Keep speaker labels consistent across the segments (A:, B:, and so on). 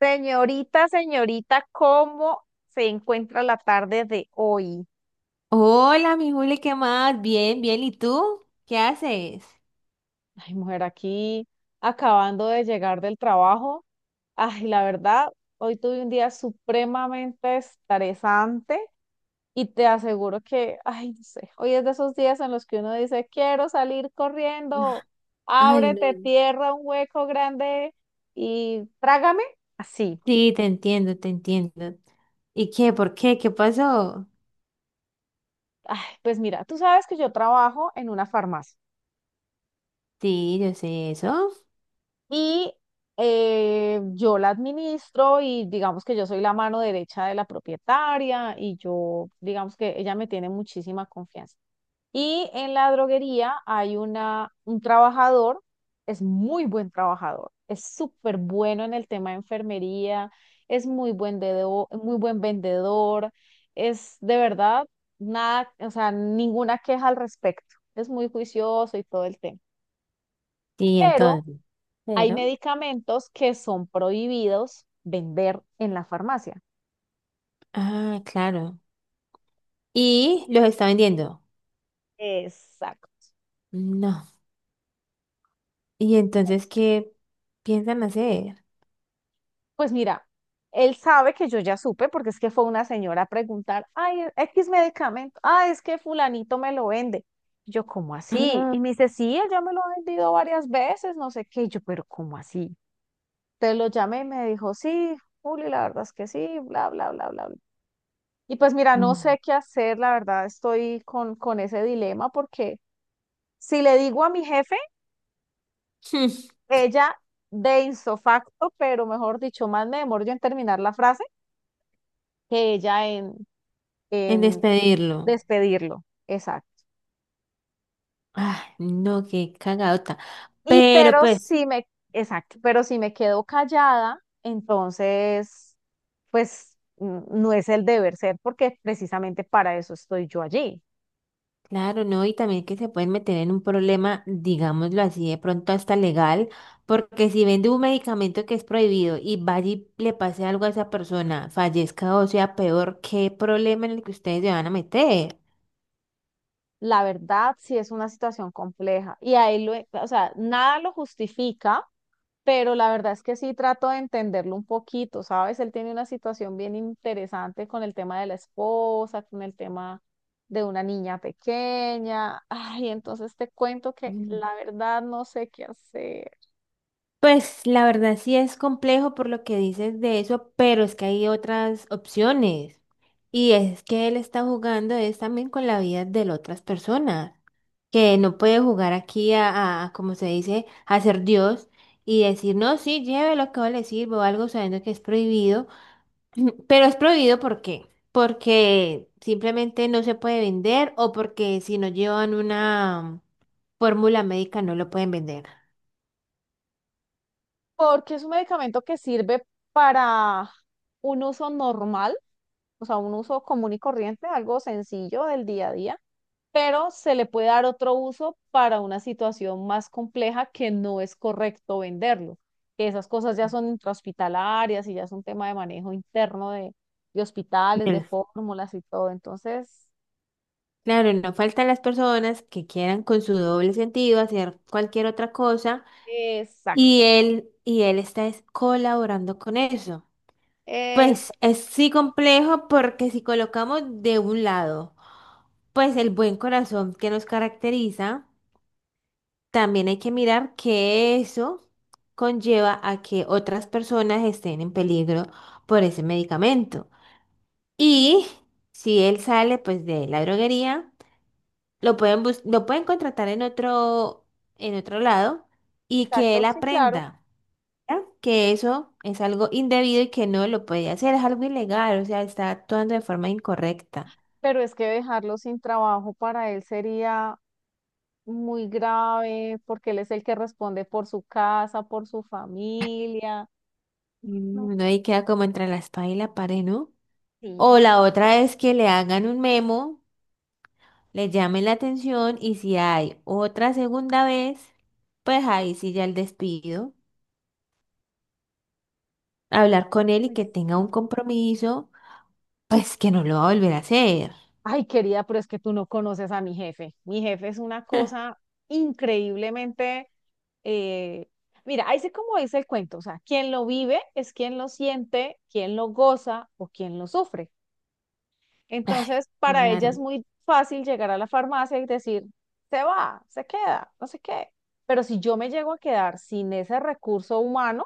A: Señorita, señorita, ¿cómo se encuentra la tarde de hoy?
B: Hola, mi Juli, ¿qué más? Bien, bien. ¿Y tú? ¿Qué haces?
A: Ay, mujer, aquí acabando de llegar del trabajo. Ay, la verdad, hoy tuve un día supremamente estresante y te aseguro que, ay, no sé, hoy es de esos días en los que uno dice, quiero salir corriendo,
B: Ay, no.
A: ábrete tierra, un hueco grande y trágame. Así.
B: Sí, te entiendo, te entiendo. ¿Y qué? ¿Por qué? ¿Qué pasó?
A: Ay, pues mira, tú sabes que yo trabajo en una farmacia.
B: Sí, yo sé eso.
A: Y yo la administro y digamos que yo soy la mano derecha de la propietaria y yo, digamos que ella me tiene muchísima confianza. Y en la droguería hay un trabajador, es muy buen trabajador, es súper bueno en el tema de enfermería, es muy buen vendedor, es de verdad nada, o sea, ninguna queja al respecto. Es muy juicioso y todo el tema.
B: Sí,
A: Pero
B: entonces.
A: hay
B: Pero.
A: medicamentos que son prohibidos vender en la farmacia.
B: Ah, claro. ¿Y los está vendiendo?
A: Exacto.
B: No. ¿Y entonces qué piensan hacer?
A: Pues mira, él sabe que yo ya supe, porque es que fue una señora a preguntar, ay, X medicamento, ah, es que fulanito me lo vende. Yo, ¿cómo
B: Ah.
A: así?
B: Mm.
A: Y me dice, sí, él ya me lo ha vendido varias veces, no sé qué. Y yo, pero ¿cómo así? Entonces lo llamé y me dijo, sí, Juli, la verdad es que sí, bla, bla, bla, bla, bla. Y pues mira, no sé qué hacer, la verdad estoy con ese dilema porque si le digo a mi jefe,
B: Hmm,
A: ella de insofacto, pero mejor dicho, más me demoro yo en terminar la frase que ella en,
B: En
A: en
B: despedirlo.
A: despedirlo. Exacto.
B: Ay, no, qué cagadota.
A: Y
B: Pero
A: pero
B: pues.
A: si me, exacto, pero si me quedo callada, entonces, pues no es el deber ser, porque precisamente para eso estoy yo allí.
B: Claro, ¿no? Y también que se pueden meter en un problema, digámoslo así, de pronto hasta legal, porque si vende un medicamento que es prohibido y vaya y le pase algo a esa persona, fallezca o sea peor, ¿qué problema en el que ustedes se van a meter?
A: La verdad, sí es una situación compleja o sea, nada lo justifica, pero la verdad es que sí trato de entenderlo un poquito, ¿sabes? Él tiene una situación bien interesante con el tema de la esposa, con el tema de una niña pequeña. Ay, entonces te cuento que la verdad no sé qué hacer,
B: Pues la verdad sí es complejo por lo que dices de eso, pero es que hay otras opciones. Y es que él está jugando es también con la vida de las otras personas, que no puede jugar aquí a, como se dice, a ser Dios y decir, no, sí, lleve lo que yo le sirvo o algo sabiendo que es prohibido. Pero es prohibido, ¿por qué? Porque simplemente no se puede vender o porque si no llevan una fórmula médica no lo pueden vender.
A: porque es un medicamento que sirve para un uso normal, o sea, un uso común y corriente, algo sencillo del día a día, pero se le puede dar otro uso para una situación más compleja que no es correcto venderlo. Que esas cosas ya son intrahospitalarias y ya es un tema de manejo interno de hospitales, de fórmulas y todo. Entonces,
B: Claro, no faltan las personas que quieran con su doble sentido hacer cualquier otra cosa
A: exacto,
B: y él está es colaborando con eso. Pues
A: exacto,
B: es sí complejo porque si colocamos de un lado, pues el buen corazón que nos caracteriza, también hay que mirar que eso conlleva a que otras personas estén en peligro por ese medicamento. Y si él sale pues de la droguería, lo pueden contratar en otro lado y que
A: exacto,
B: él
A: sí, claro,
B: aprenda, ¿ya? Que eso es algo indebido y que no lo puede hacer, es algo ilegal, o sea, está actuando de forma incorrecta.
A: pero es que dejarlo sin trabajo para él sería muy grave porque él es el que responde por su casa, por su familia.
B: Mm,
A: No,
B: uno ahí queda como entre la espada y la pared, ¿no?
A: sí,
B: O la
A: sí,
B: otra es que le hagan un memo, le llamen la atención y si hay otra segunda vez, pues ahí sí ya el despido, hablar con él y
A: pues.
B: que tenga un compromiso, pues que no lo va a volver a hacer.
A: Ay, querida, pero es que tú no conoces a mi jefe. Mi jefe es una cosa increíblemente... eh, mira, ahí sí como dice el cuento, o sea, quien lo vive es quien lo siente, quien lo goza o quien lo sufre.
B: Ay,
A: Entonces, para ella es
B: claro,
A: muy fácil llegar a la farmacia y decir, se va, se queda, no sé qué. Pero si yo me llego a quedar sin ese recurso humano,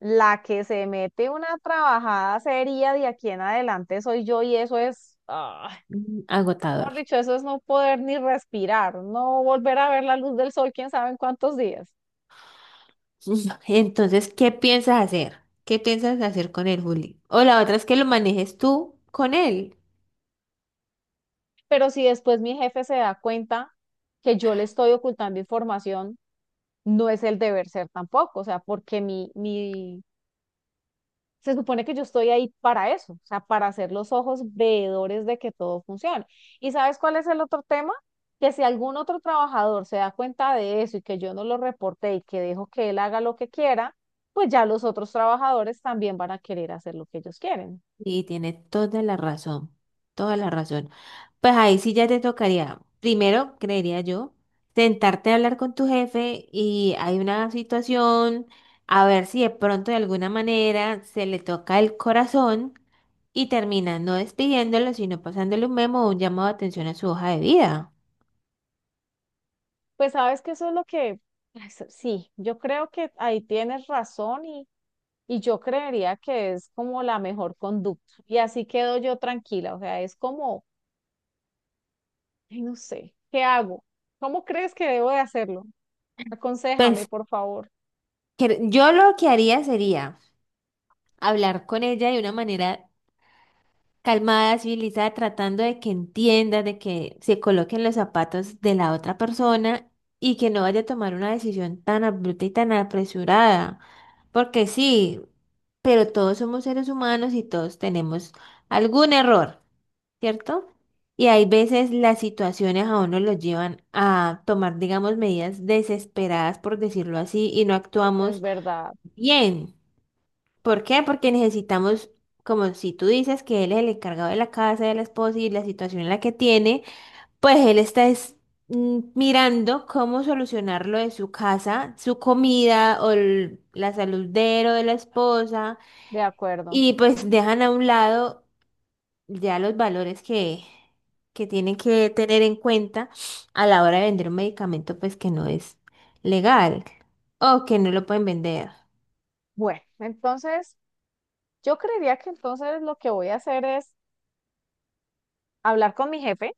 A: la que se mete una trabajada seria de aquí en adelante soy yo y eso es... ah,
B: mm, agotador.
A: mejor dicho, eso es no poder ni respirar, no volver a ver la luz del sol, quién sabe en cuántos días.
B: Mm, entonces, ¿qué piensas hacer? ¿Qué piensas hacer con él, Juli? O la otra es que lo manejes tú con él.
A: Pero si después mi jefe se da cuenta que yo le estoy ocultando información, no es el deber ser tampoco, o sea, porque mi se supone que yo estoy ahí para eso, o sea, para hacer los ojos veedores de que todo funcione. ¿Y sabes cuál es el otro tema? Que si algún otro trabajador se da cuenta de eso y que yo no lo reporté y que dejo que él haga lo que quiera, pues ya los otros trabajadores también van a querer hacer lo que ellos quieren.
B: Y tiene toda la razón, toda la razón. Pues ahí sí ya te tocaría, primero, creería yo, sentarte a hablar con tu jefe y hay una situación, a ver si de pronto de alguna manera se le toca el corazón y termina no despidiéndolo, sino pasándole un memo o un llamado de atención a su hoja de vida.
A: Pues sabes que eso es lo que, ay, sí, yo creo que ahí tienes razón y yo creería que es como la mejor conducta. Y así quedo yo tranquila, o sea, es como ay, no sé, ¿qué hago? ¿Cómo crees que debo de hacerlo? Aconséjame,
B: Pues
A: por favor.
B: yo lo que haría sería hablar con ella de una manera calmada, civilizada, tratando de que entienda, de que se coloquen los zapatos de la otra persona y que no vaya a tomar una decisión tan abrupta y tan apresurada. Porque sí, pero todos somos seres humanos y todos tenemos algún error, ¿cierto? Y hay veces las situaciones a uno los llevan a tomar, digamos, medidas desesperadas, por decirlo así, y no
A: Eso es
B: actuamos
A: verdad,
B: bien. ¿Por qué? Porque necesitamos, como si tú dices que él es el encargado de la casa, de la esposa y la situación en la que tiene, pues mirando cómo solucionar lo de su casa, su comida o la salud de él o de la esposa
A: de acuerdo.
B: y pues dejan a un lado ya los valores que tienen que tener en cuenta a la hora de vender un medicamento pues que no es legal o que no lo pueden vender.
A: Bueno, entonces yo creería que entonces lo que voy a hacer es hablar con mi jefe.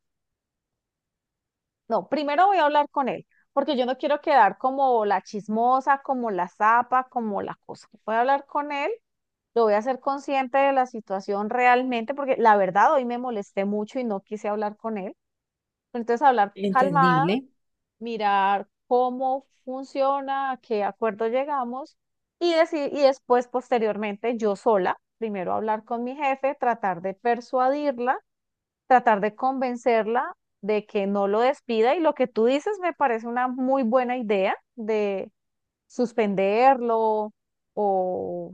A: No, primero voy a hablar con él, porque yo no quiero quedar como la chismosa, como la zapa, como la cosa. Voy a hablar con él, lo voy a hacer consciente de la situación realmente, porque la verdad hoy me molesté mucho y no quise hablar con él. Entonces hablar calmada,
B: Entendible.
A: mirar cómo funciona, a qué acuerdo llegamos y después, posteriormente, yo sola, primero hablar con mi jefe, tratar de persuadirla, tratar de convencerla de que no lo despida, y lo que tú dices me parece una muy buena idea de suspenderlo o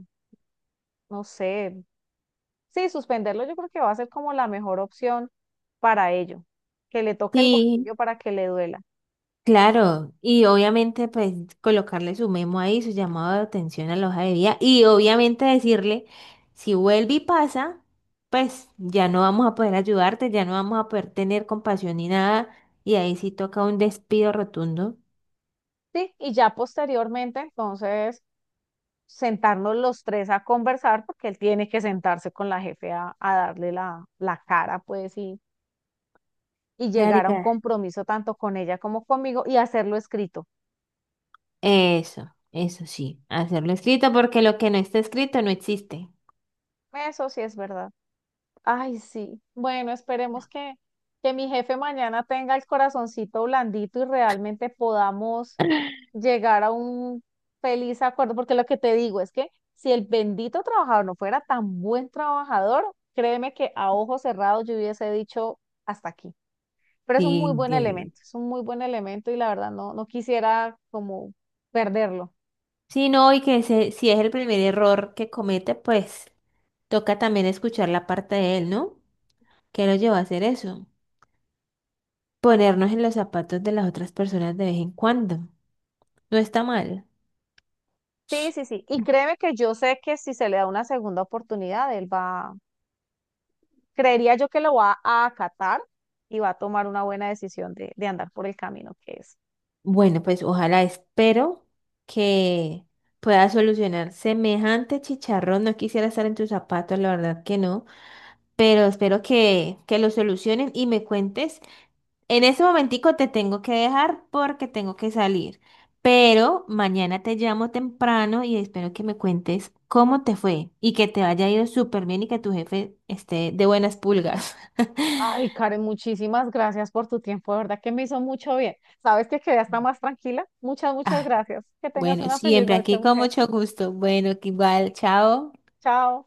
A: no sé, sí, suspenderlo yo creo que va a ser como la mejor opción para ello, que le toque el
B: Sí.
A: bolsillo para que le duela.
B: Claro, y obviamente pues colocarle su memo ahí, su llamado de atención a la hoja de vida y obviamente decirle, si vuelve y pasa, pues ya no vamos a poder ayudarte, ya no vamos a poder tener compasión ni nada y ahí sí toca un despido rotundo.
A: Sí, y ya posteriormente, entonces sentarnos los tres a conversar, porque él tiene que sentarse con la jefe a darle la cara, pues, y llegar a un
B: Marica.
A: compromiso tanto con ella como conmigo y hacerlo escrito.
B: Eso sí, hacerlo escrito porque lo que no está escrito no existe.
A: Eso sí es verdad. Ay, sí. Bueno, esperemos que mi jefe mañana tenga el corazoncito blandito y realmente podamos llegar a un feliz acuerdo, porque lo que te digo es que si el bendito trabajador no fuera tan buen trabajador, créeme que a ojos cerrados yo hubiese dicho hasta aquí. Pero es un
B: Sí,
A: muy buen
B: entiendo.
A: elemento, es un muy buen elemento y la verdad no, no quisiera como perderlo.
B: Sí, no, y que si es el primer error que comete, pues toca también escuchar la parte de él, ¿no? ¿Qué nos llevó a hacer eso? Ponernos en los zapatos de las otras personas de vez en cuando. No está mal.
A: Sí, sí, sí. Y créeme que yo sé que si se le da una segunda oportunidad, él va, creería yo que lo va a acatar y va a tomar una buena decisión de andar por el camino que es.
B: Bueno, pues ojalá espero que pueda solucionar semejante chicharrón. No quisiera estar en tus zapatos, la verdad que no, pero espero que lo solucionen y me cuentes. En ese momentico te tengo que dejar porque tengo que salir, pero mañana te llamo temprano y espero que me cuentes cómo te fue y que te haya ido súper bien y que tu jefe esté de buenas pulgas.
A: Ay, Karen, muchísimas gracias por tu tiempo, de verdad que me hizo mucho bien. Sabes que quedé hasta más tranquila. Muchas, muchas
B: Ah,
A: gracias. Que tengas
B: bueno,
A: una feliz
B: siempre
A: noche,
B: aquí con
A: mujer.
B: mucho gusto. Bueno, que igual, chao.
A: Chao.